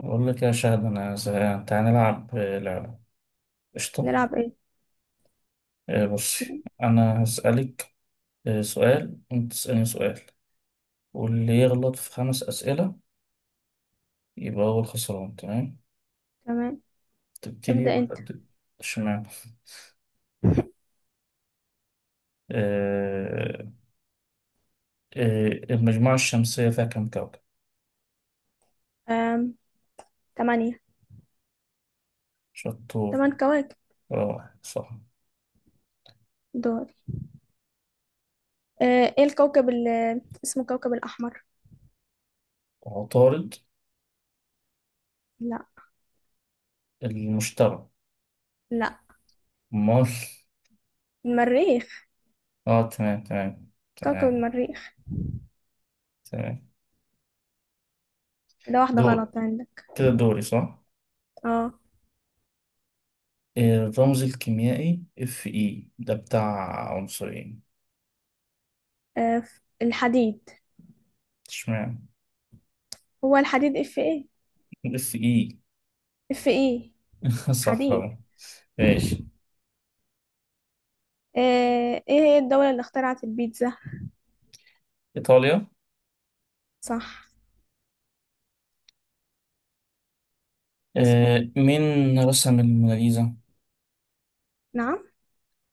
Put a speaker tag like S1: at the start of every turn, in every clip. S1: أقول لك يا شاهد، أنا زهقان. تعالى نلعب لعبة. قشطة.
S2: نلعب ايه؟
S1: بصي أنا هسألك سؤال، وأنت تسألني سؤال. واللي يغلط في خمس أسئلة يبقى هو الخسران. تمام؟
S2: تمام.
S1: تبتدي
S2: ابدأ
S1: ولا
S2: انت.
S1: أبتدي؟ اشمعنى. آه، المجموعة الشمسية فيها كم كوكب؟
S2: أم... تمانية.
S1: شطور.
S2: تمن كواكب
S1: روعة، صح.
S2: دول. ايه الكوكب اللي اسمه كوكب الأحمر؟
S1: عطارد.
S2: لا.
S1: المشتري.
S2: لا.
S1: أمال.
S2: المريخ.
S1: آه، تمام، تمام.
S2: كوكب
S1: تمام،
S2: المريخ.
S1: تمام.
S2: كده واحدة
S1: دول.
S2: غلط عندك.
S1: كده دوري، صح؟
S2: اه.
S1: الرمز الكيميائي اف اي ده بتاع عنصرين.
S2: الحديد.
S1: اشمعنى.
S2: هو الحديد اف ايه؟
S1: اف اي.
S2: اف ايه.
S1: صح
S2: حديد.
S1: أهو. ماشي.
S2: ايه هي الدولة اللي اخترعت البيتزا؟
S1: ايطاليا.
S2: صح. اسأل.
S1: مين رسم الموناليزا.
S2: نعم.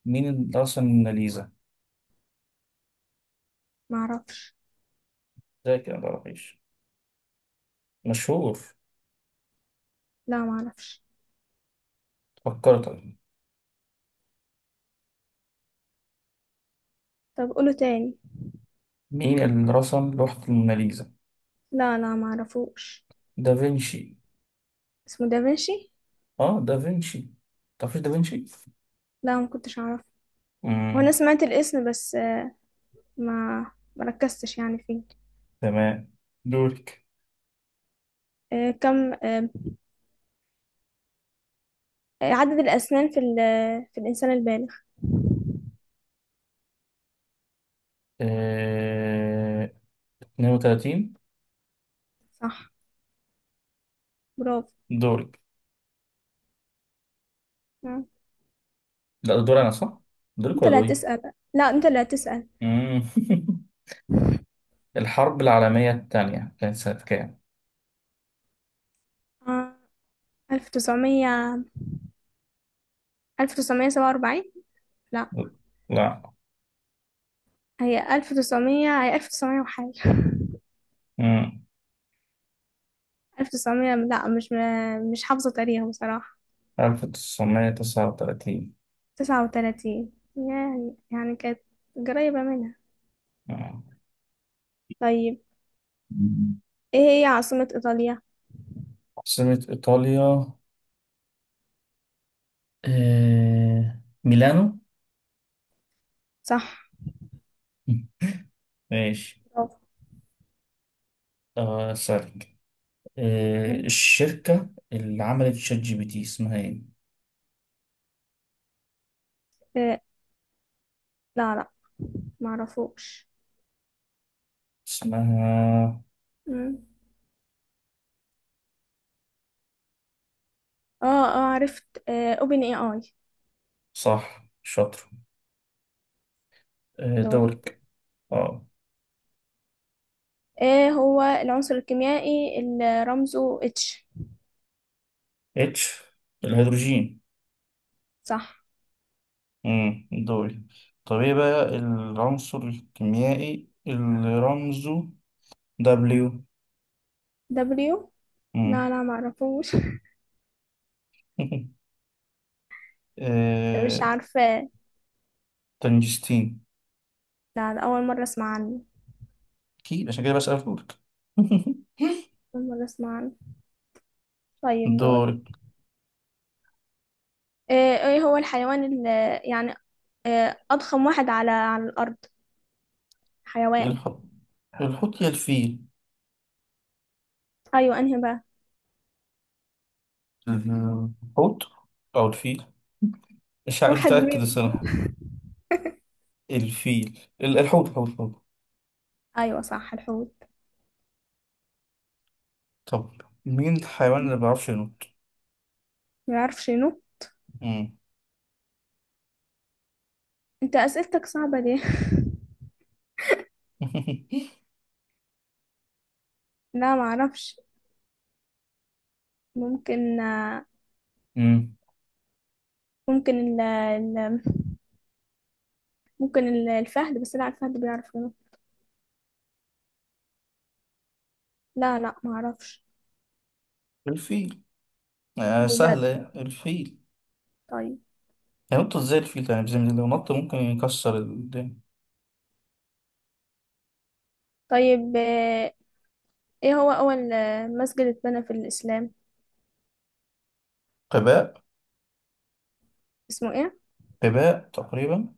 S1: مين اللي رسم الموناليزا؟
S2: معرفش.
S1: ده كده متعرفيش مشهور.
S2: لا معرفش.
S1: فكرت أهو.
S2: طب قوله تاني.
S1: مين اللي رسم لوحة الموناليزا؟
S2: لا لا معرفوش.
S1: دافنشي.
S2: اسمه دافنشي.
S1: اه، دافنشي. تعرفيش دافنشي؟
S2: لا ما كنتش اعرف. وانا
S1: مم.
S2: سمعت الاسم بس، ما مركزتش يعني فيه.
S1: تمام. دورك.
S2: كم عدد الاسنان في في الانسان البالغ؟
S1: آه... 32.
S2: صح. برافو.
S1: دورك.
S2: آه.
S1: لا، ده دول انا صح. دولك
S2: انت
S1: ولا
S2: اللي
S1: دولي؟
S2: هتسأل، لا انت اللي هتسأل.
S1: مم. الحرب العالمية الثانية كانت سنة كام؟
S2: آه، 1900. 1947. لا.
S1: لا.
S2: هي 1900، هي 1900 وحاجة.
S1: مم.
S2: 1900. لا، مش حافظة تاريخ بصراحة.
S1: 1939.
S2: 39، يعني كانت قريبة منها.
S1: مم.
S2: طيب، ايه هي عاصمة ايطاليا؟
S1: عاصمة إيطاليا ميلانو.
S2: صح.
S1: مم. ماشي.
S2: برافو.
S1: سألك.
S2: مم.
S1: الشركة اللي عملت شات جي بي تي اسمها ايه؟
S2: إيه. لا لا معرفوش.
S1: اسمها.
S2: مم. اه اه عرفت. اوبن اي اي.
S1: صح، شاطر.
S2: دوري.
S1: دورك. اه.
S2: ايه هو العنصر الكيميائي اللي رمزه اتش؟
S1: اتش. الهيدروجين.
S2: صح.
S1: دوري. طب ايه بقى العنصر الكيميائي اللي رمزه دبليو؟
S2: دبليو. لا
S1: امم.
S2: لا معرفوش. مش
S1: آه...
S2: عارفة.
S1: تنجستين.
S2: لا، ده أول مرة أسمع عنه.
S1: اكيد، عشان كده بسأل لك.
S2: أول مرة أسمع عنه. طيب دور.
S1: دوري.
S2: إيه هو الحيوان اللي، يعني، إيه أضخم واحد على الأرض؟ حيوان.
S1: الحوت. الحوت يا الفيل.
S2: أيوة أنهي بقى؟
S1: الحوت او الفيل. مش
S2: واحد
S1: متأكد
S2: منهم.
S1: الصراحة. الحوت، الحوت، الحوت.
S2: أيوة صح الحوت.
S1: طب، مين الحيوان
S2: م.
S1: اللي ما بيعرفش ينط؟
S2: ما يعرف شنو؟
S1: امم.
S2: أنت أسئلتك صعبة دي. لا ما أعرفش. ممكن،
S1: امم.
S2: ممكن ممكن الفهد. بس لا، الفهد بيعرف ينط. لا لا ما اعرفش.
S1: الفيل. آه،
S2: بجد.
S1: سهلة، الفيل.
S2: طيب.
S1: ينط ازاي الفيل ده؟ يعني بزي لو نط ممكن يكسر الدنيا.
S2: طيب ايه هو اول مسجد اتبنى في الاسلام؟
S1: قباء.
S2: اسمه ايه؟
S1: قباء تقريبا.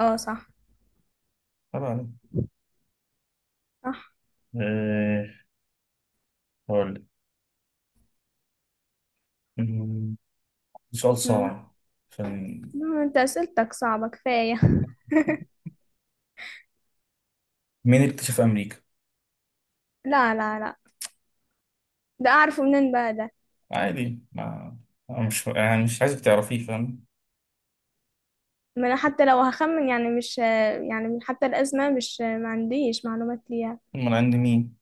S2: اه صح.
S1: قباء عليه.
S2: صح.
S1: إيه، هقول لك. أمم، سؤال
S2: مم.
S1: صعب. عشان
S2: لا، انت اسئلتك صعبة كفاية.
S1: مين اكتشف أمريكا؟
S2: لا لا لا، ده اعرفه منين بقى ده.
S1: عادي. ما أنا مش، يعني مش عايزك تعرفيه، فاهم؟
S2: ما انا حتى لو هخمن، يعني مش يعني من حتى الازمة، مش ما عنديش معلومات ليها.
S1: أمال عند مين؟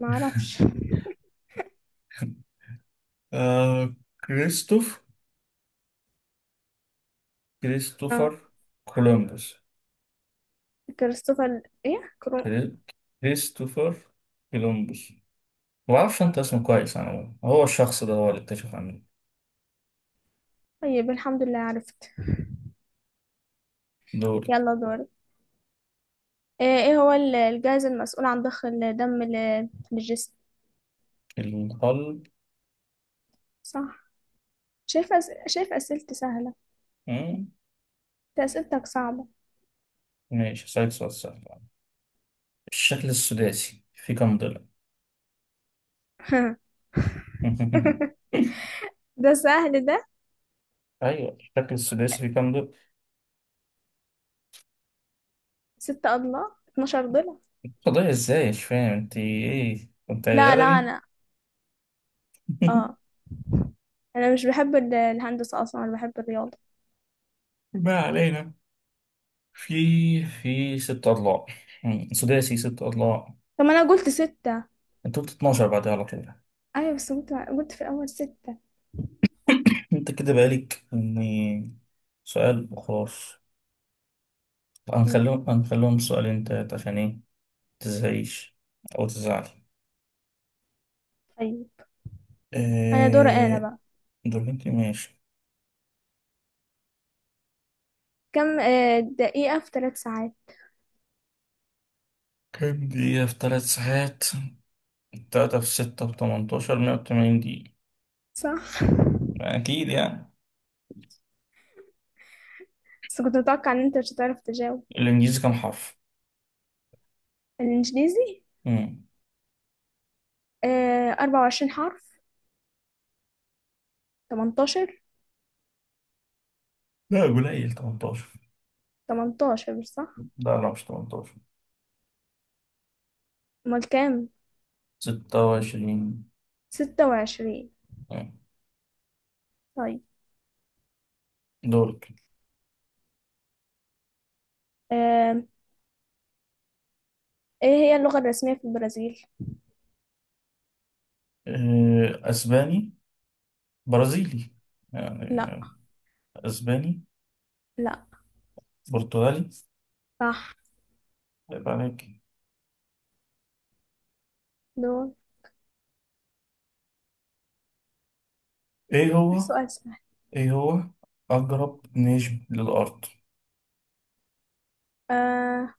S2: ما اعرفش.
S1: آه... كريستوف
S2: اه.
S1: كريستوفر كولومبوس.
S2: كريستوفر ايه كرو.
S1: كري- كريستوفر كولومبوس. ما أعرفش أنت اسمه كويس. أنا هو، الشخص ده هو اللي اكتشف أمريكا.
S2: طيب الحمد لله عرفت.
S1: دول.
S2: يلا دور. ايه هو الجهاز المسؤول عن ضخ الدم للجسم؟
S1: القلب.
S2: صح. شايف أسئلتي سهلة.
S1: مم.
S2: انت أسئلتك صعبة.
S1: ماشي، هسألك سؤال سهل. الشكل السداسي في كم ضلع؟
S2: ده سهل ده.
S1: أيوه، الشكل السداسي في كم ضلع؟
S2: ستة أضلاع. 12 ضلع.
S1: قضية إزاي؟ مش فاهم أنت إيه؟ أنت
S2: لا لا
S1: أدبي؟
S2: أنا. اه. أنا مش بحب الهندسة أصلا، أنا بحب الرياضة.
S1: ما علينا. في في ست أضلاع. مم. سداسي ست أضلاع.
S2: طب ما أنا قلت ستة.
S1: أنت قلت 12 بعدها على طول.
S2: أيوة بس قلت في الأول ستة.
S1: أنت كده بقالك إني سؤال وخلاص.
S2: مم.
S1: هنخليهم هنخليهم سؤالين تلاتة، عشان إيه؟ متزهقيش أو تزعلي.
S2: طيب. أنا دوري أنا
S1: أه...
S2: بقى.
S1: دول. أنت ماشي.
S2: كم دقيقة في ثلاث ساعات؟
S1: كام دقيقة في 3 ساعات؟ تلاتة في ستة في 18. 180 دقيقة.
S2: صح.
S1: أكيد يعني.
S2: بس كنت متوقع إن أنت مش هتعرف تجاوب.
S1: الإنجليزي كام حرف؟
S2: الإنجليزي،
S1: مم.
S2: أربعة وعشرين حرف. تمنتاشر.
S1: لا، قليل 18.
S2: تمنتاشر صح.
S1: لا، لا، مش 18.
S2: امال كام؟
S1: 26.
S2: ستة وعشرين.
S1: مم.
S2: طيب.
S1: دول.
S2: آم، ايه هي اللغة الرسمية في البرازيل؟
S1: أسباني. برازيلي يعني.
S2: لا.
S1: أسباني.
S2: لا.
S1: برتغالي.
S2: صح.
S1: طيب، عليك.
S2: دول.
S1: إيه هو.
S2: السؤال سهل.
S1: إيه هو أقرب نجم للأرض؟
S2: آه،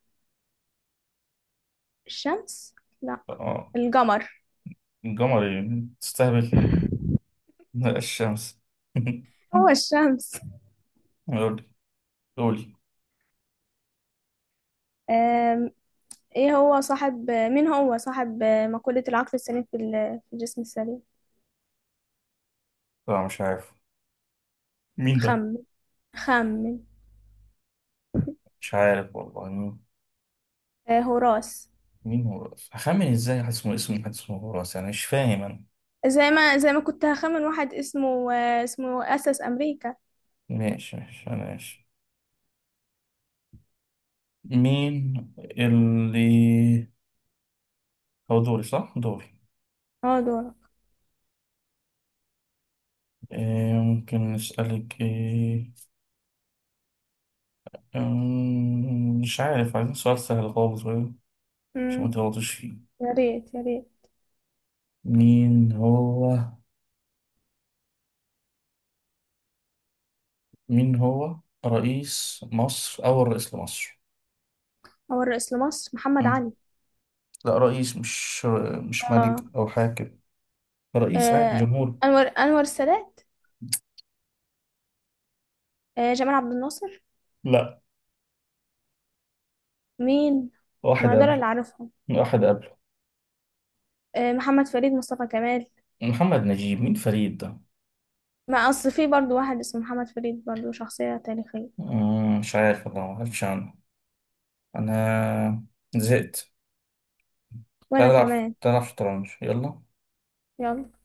S2: الشمس. لا.
S1: آه.
S2: القمر.
S1: القمر إيه؟ تستهبل. لا، الشمس.
S2: هو الشمس.
S1: قولي. قولي.
S2: آم، ايه هو صاحب مين هو صاحب مقولة العقل السليم في في الجسم السليم؟
S1: لا، مش عارف. مين ده؟
S2: خمن. خمن.
S1: مش عارف والله مين.
S2: آه، هوراس.
S1: مين هو هخمن ازاي؟ حد اسمه حد اسمه هوراس، يعني مش فاهم انا.
S2: زي ما كنت هخمن واحد اسمه أسس أمريكا.
S1: ماشي، ماشي، ماشي. مين اللي. هو دوري، صح؟ دوري.
S2: اه.
S1: إيه ممكن نسألك ايه. مش عارف. عايزين سؤال سهل خالص بقى، عشان ما
S2: دول.
S1: تغلطش فيه.
S2: يا ريت يا ريت.
S1: مين هو. مين هو رئيس مصر، أول رئيس لمصر؟
S2: أول رئيس لمصر محمد
S1: أمم،
S2: علي.
S1: لا، رئيس. مش ملك
S2: آه.
S1: أو حاكم. رئيس عادي،
S2: آه.
S1: جمهور.
S2: أنور السادات. جمال عبد الناصر.
S1: لا.
S2: مين؟
S1: واحد
S2: ما دول
S1: قبله.
S2: اللي عارفهم.
S1: واحد قبله.
S2: محمد فريد، مصطفى كمال.
S1: محمد نجيب. مين فريد ده؟
S2: ما أصل في برضو واحد اسمه محمد فريد، برضو شخصية تاريخية.
S1: مش عارف والله، ما عارفش عنه. انا زهقت.
S2: وأنا
S1: تعال العب.
S2: كمان.
S1: تعال العب شطرنج، يلا.
S2: يلا.